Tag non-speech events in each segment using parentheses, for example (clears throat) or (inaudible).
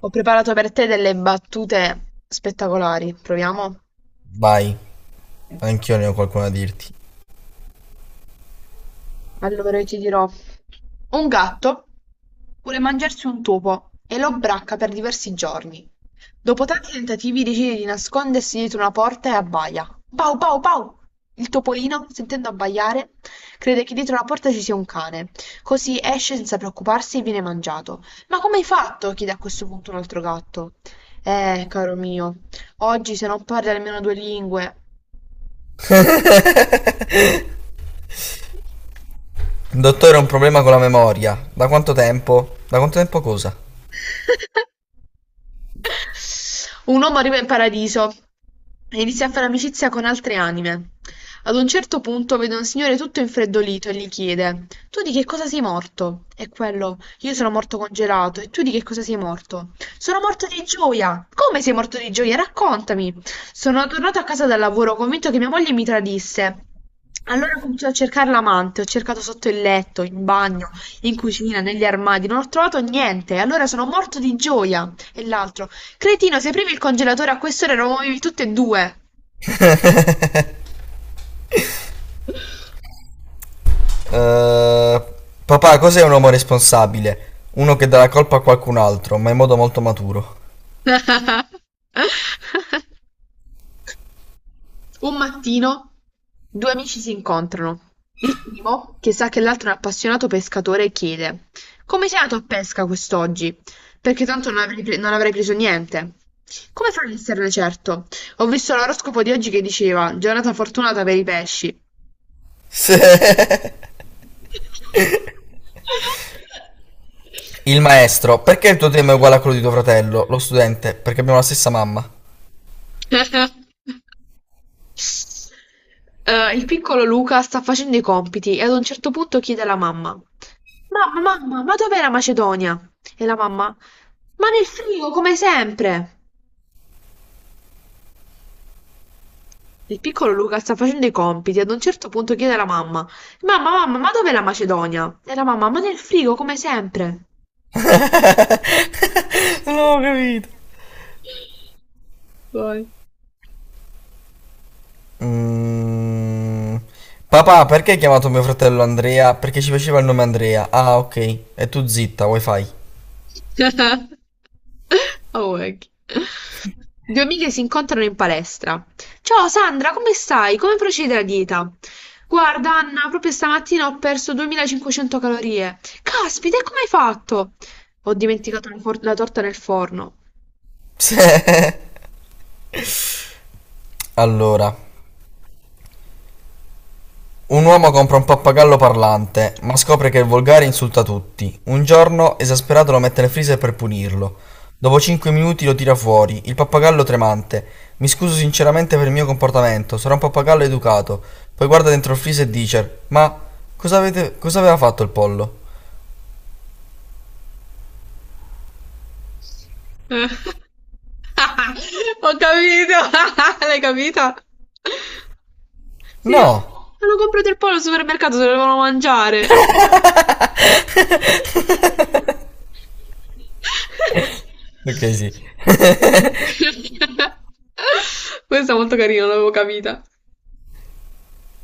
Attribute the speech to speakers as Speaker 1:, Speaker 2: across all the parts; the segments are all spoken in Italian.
Speaker 1: Ho preparato per te delle battute spettacolari, proviamo?
Speaker 2: Vai, anch'io ne ho qualcuno da dirti.
Speaker 1: Allora io ti dirò. Un gatto vuole mangiarsi un topo e lo bracca per diversi giorni. Dopo tanti tentativi decide di nascondersi dietro una porta e abbaia. Pau pau pau! Il topolino, sentendo abbaiare, crede che dietro la porta ci sia un cane, così esce senza preoccuparsi e viene mangiato. Ma come hai fatto? Chiede a questo punto un altro gatto. Caro mio, oggi se non parli almeno due lingue.
Speaker 2: Dottore, ho un problema con la memoria. Da quanto tempo? Da quanto tempo cosa?
Speaker 1: (laughs) Un uomo arriva in paradiso e inizia a fare amicizia con altre anime. Ad un certo punto vede un signore tutto infreddolito e gli chiede: Tu di che cosa sei morto? E quello: Io sono morto congelato. E tu di che cosa sei morto? Sono morto di gioia. Come sei morto di gioia? Raccontami. Sono tornato a casa dal lavoro convinto che mia moglie mi tradisse. Allora ho cominciato a cercare l'amante, ho cercato sotto il letto, in bagno, in cucina, negli armadi, non ho trovato niente, allora sono morto di gioia. E l'altro. Cretino, se aprivi il congelatore a quest'ora eravamo tutti e due!
Speaker 2: Eh, papà, cos'è un uomo responsabile? Uno che dà la colpa a qualcun altro, ma in modo molto maturo.
Speaker 1: (laughs) Un mattino due amici si incontrano. Il primo, che sa che l'altro è un appassionato pescatore, chiede: Come sei andato a pesca quest'oggi? Perché tanto non avrei preso niente. Come farò ad esserne certo? Ho visto l'oroscopo di oggi che diceva: Giornata fortunata per i pesci.
Speaker 2: Sì. (laughs) Il maestro, perché il tuo tema è uguale a quello di tuo fratello? Lo studente, perché abbiamo la stessa mamma.
Speaker 1: (laughs) Il piccolo Luca sta facendo i compiti e ad un certo punto chiede alla mamma: Mamma, mamma, ma dov'è la Macedonia? E la mamma: Ma nel frigo, come sempre. Il piccolo Luca sta facendo i compiti e ad un certo punto chiede alla mamma: Mamma, mamma, ma dov'è la Macedonia? E la mamma: Ma nel frigo, come sempre.
Speaker 2: Non ho capito.
Speaker 1: Vai.
Speaker 2: Mm, Papà, perché hai chiamato mio fratello Andrea? Perché ci faceva il nome Andrea. Ah, ok. E tu zitta, wifi. (laughs)
Speaker 1: (laughs) Awake. Due amiche si incontrano in palestra. Ciao Sandra, come stai? Come procede la dieta? Guarda Anna, proprio stamattina ho perso 2500 calorie. Caspita, e come hai fatto? Ho dimenticato la torta nel forno.
Speaker 2: Sì. Allora, un uomo compra un pappagallo parlante, ma scopre che è volgare e insulta tutti. Un giorno, esasperato, lo mette nel freezer per punirlo. Dopo 5 minuti lo tira fuori, il pappagallo tremante. Mi scuso sinceramente per il mio comportamento, sarà un pappagallo educato. Poi guarda dentro il freezer e dice: Ma cosa aveva fatto il pollo?
Speaker 1: (laughs) Ho capito, (laughs) l'hai capita?
Speaker 2: No!
Speaker 1: Hanno comprato il pollo al supermercato, se lo devono mangiare.
Speaker 2: Ok, sì.
Speaker 1: (laughs) Questa è molto carina, non l'avevo capita.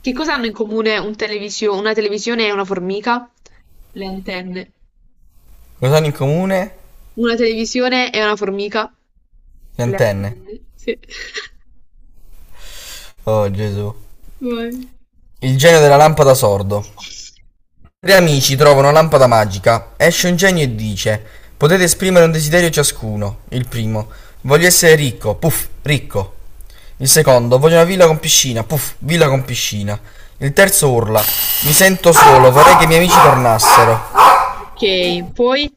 Speaker 1: Che cosa hanno in comune una televisione e una formica? Le antenne.
Speaker 2: Cosa hanno in comune?
Speaker 1: Una televisione e una formica?
Speaker 2: Le
Speaker 1: Le
Speaker 2: antenne.
Speaker 1: antenne. Sì. (laughs)
Speaker 2: Oh Gesù.
Speaker 1: Vai.
Speaker 2: Il genio della lampada sordo. Tre amici trovano una lampada magica. Esce un genio e dice: Potete esprimere un desiderio ciascuno. Il primo: Voglio essere ricco. Puff, ricco. Il secondo: Voglio una villa con piscina. Puff, villa con piscina. Il terzo urla: Mi sento solo, vorrei che i miei amici tornassero.
Speaker 1: Ok, poi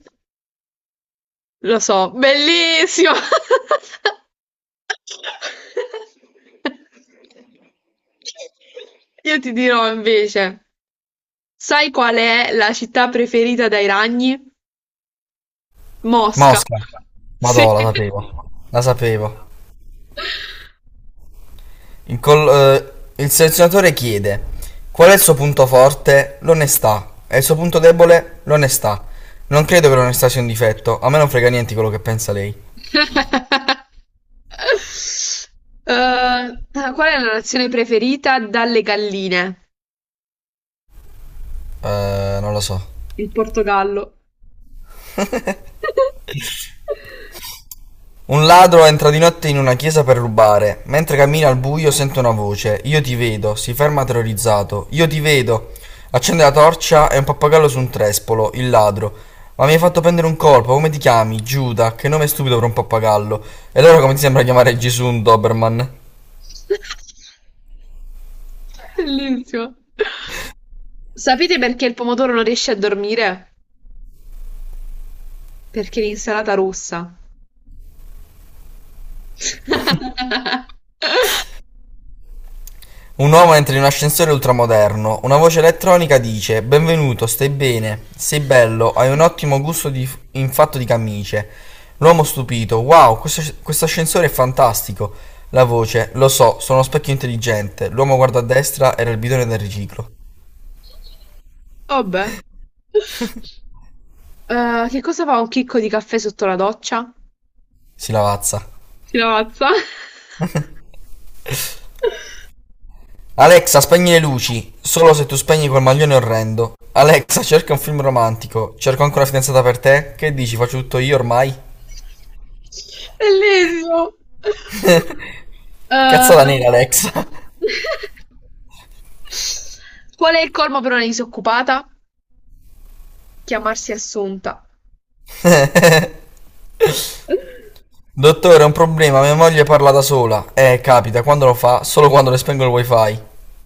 Speaker 1: lo so, bellissimo! (laughs) (laughs) Io ti dirò invece, sai qual è la città preferita dai ragni? Mosca.
Speaker 2: Mosca.
Speaker 1: Sì.
Speaker 2: Madò, la sapevo. La sapevo. Il, col- il selezionatore chiede qual è il suo punto forte? L'onestà. E il suo punto debole? L'onestà. Non credo che l'onestà sia un difetto, a me non frega niente quello che pensa lei.
Speaker 1: (laughs) Qual è la nazione preferita dalle galline?
Speaker 2: Non lo so.
Speaker 1: Il Portogallo. (laughs)
Speaker 2: Un ladro entra di notte in una chiesa per rubare. Mentre cammina al buio sente una voce. Io ti vedo. Si ferma terrorizzato. Io ti vedo. Accende la torcia e un pappagallo su un trespolo. Il ladro. Ma mi hai fatto prendere un colpo. Come ti chiami? Giuda. Che nome stupido per un pappagallo. E allora come ti sembra chiamare Gesù un Doberman?
Speaker 1: Bellissimo. Sapete perché il pomodoro non riesce a dormire? Perché l'insalata rossa. (laughs)
Speaker 2: Un uomo entra in un ascensore ultramoderno. Una voce elettronica dice: Benvenuto, stai bene, sei bello, hai un ottimo gusto in fatto di camicie. L'uomo stupito: Wow, questo ascensore è fantastico. La voce: Lo so, sono uno specchio intelligente. L'uomo guarda a destra, era il bidone del riciclo.
Speaker 1: Vabbè. Che cosa fa un chicco di caffè sotto la doccia?
Speaker 2: Si lavazza.
Speaker 1: Si lavazza. (laughs)
Speaker 2: Alexa, spegni le luci. Solo se tu spegni quel maglione orrendo. Alexa, cerca un film romantico. Cerco ancora una fidanzata per te? Che dici, faccio tutto io ormai?
Speaker 1: Bellissimo.
Speaker 2: Cazzata
Speaker 1: Eh,
Speaker 2: nera, Alexa.
Speaker 1: Qual è il colmo per una disoccupata? Chiamarsi Assunta.
Speaker 2: Dottore, è un problema, mia moglie parla da sola. Capita, quando lo fa, solo quando le spengo il wifi.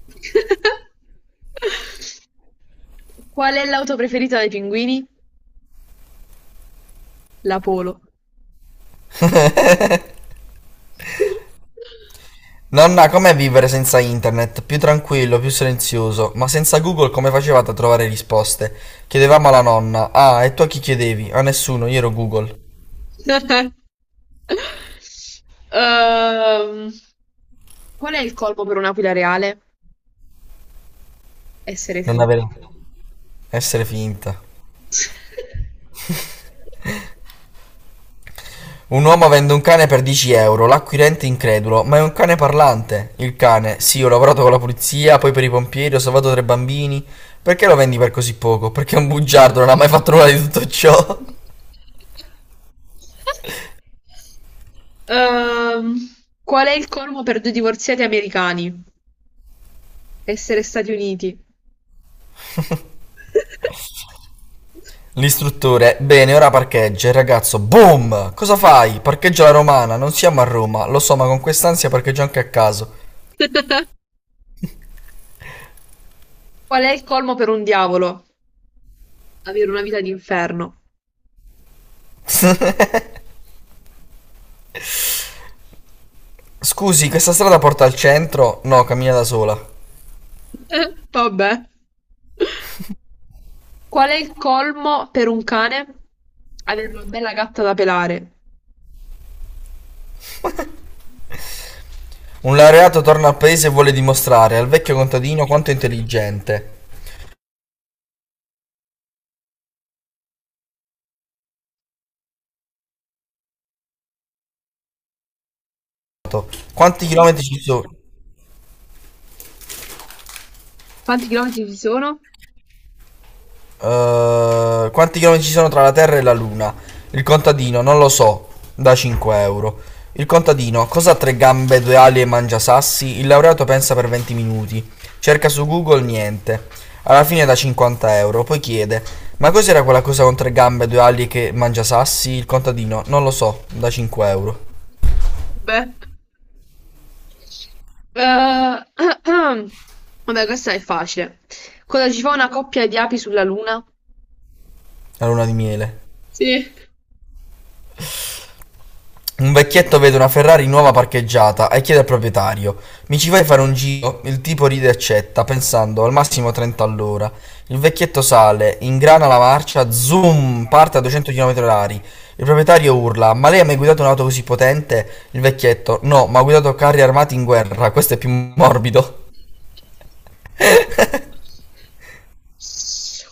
Speaker 1: (laughs) Qual è l'auto preferita dei pinguini? La Polo. (laughs)
Speaker 2: Nonna, com'è vivere senza internet? Più tranquillo, più silenzioso, ma senza Google come facevate a trovare risposte? Chiedevamo alla nonna. Ah, e tu a chi chiedevi? A nessuno, io ero Google.
Speaker 1: (laughs) Ehm, Qual è il colmo per un'aquila reale? Essere
Speaker 2: Non avere...
Speaker 1: finta.
Speaker 2: Essere finta.
Speaker 1: (laughs)
Speaker 2: Un uomo vende un cane per 10 euro, l'acquirente incredulo, ma è un cane parlante. Il cane, sì, ho lavorato con la polizia, poi per i pompieri, ho salvato tre bambini. Perché lo vendi per così poco? Perché è un bugiardo, non ha mai fatto nulla di tutto ciò.
Speaker 1: Ehm, Qual è il colmo per due divorziati americani? Essere Stati Uniti. (laughs)
Speaker 2: L'istruttore, bene, ora parcheggia. Il ragazzo, boom! Cosa fai? Parcheggia la romana, non siamo a Roma, lo so, ma con quest'ansia parcheggio anche a caso.
Speaker 1: Qual è il colmo per un diavolo? Avere una vita d'inferno.
Speaker 2: Scusi, questa strada porta al centro? No, cammina da sola.
Speaker 1: (laughs) Vabbè. Qual è il colmo per un cane? Avere una bella gatta da pelare.
Speaker 2: Un laureato torna al paese e vuole dimostrare al vecchio contadino quanto è intelligente. Esatto. Quanti chilometri ci sono?
Speaker 1: Quanti chilometri ci sono?
Speaker 2: Quanti chilometri ci sono tra la Terra e la Luna? Il contadino, non lo so, da 5 euro. Il contadino, cosa ha tre gambe, due ali e mangia sassi? Il laureato pensa per 20 minuti. Cerca su Google niente. Alla fine da 50 euro. Poi chiede, ma cos'era quella cosa con tre gambe, due ali che mangia sassi? Il contadino, non lo so, da 5 euro.
Speaker 1: Beh. Eh, (clears throat) Vabbè, questa è facile. Cosa ci fa una coppia di api sulla luna?
Speaker 2: La luna di miele.
Speaker 1: Sì.
Speaker 2: Un vecchietto vede una Ferrari nuova parcheggiata e chiede al proprietario: Mi ci vai a fare un giro? Il tipo ride e accetta, pensando al massimo 30 all'ora. Il vecchietto sale, ingrana la marcia, zoom, parte a 200 km/h. Il proprietario urla: Ma lei ha mai guidato un'auto così potente? Il vecchietto: No, ma ho guidato carri armati in guerra, questo è più morbido.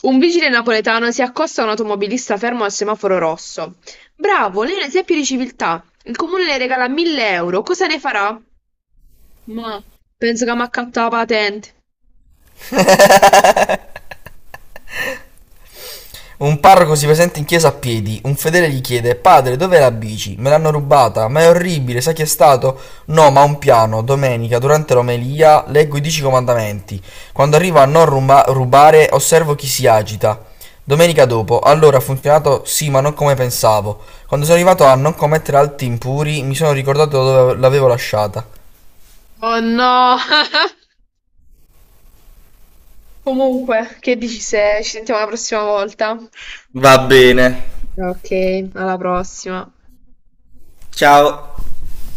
Speaker 1: Un vigile napoletano si accosta a un automobilista fermo al semaforo rosso. Bravo, lei è un esempio di civiltà. Il comune le regala 1000 euro. Cosa ne farà? Ma penso che mi accatta la patente.
Speaker 2: Un parroco si presenta in chiesa a piedi, un fedele gli chiede: Padre, dov'è la bici? Me l'hanno rubata, ma è orribile, sai chi è stato? No, ma un piano, domenica, durante l'omelia, leggo i 10 comandamenti. Quando arrivo a non rubare, osservo chi si agita. Domenica dopo, allora ha funzionato sì, ma non come pensavo. Quando sono arrivato a non commettere atti impuri, mi sono ricordato dove l'avevo lasciata.
Speaker 1: Oh no! Comunque, che dici se ci sentiamo la prossima volta?
Speaker 2: Va bene.
Speaker 1: Ok, alla prossima.
Speaker 2: Ciao.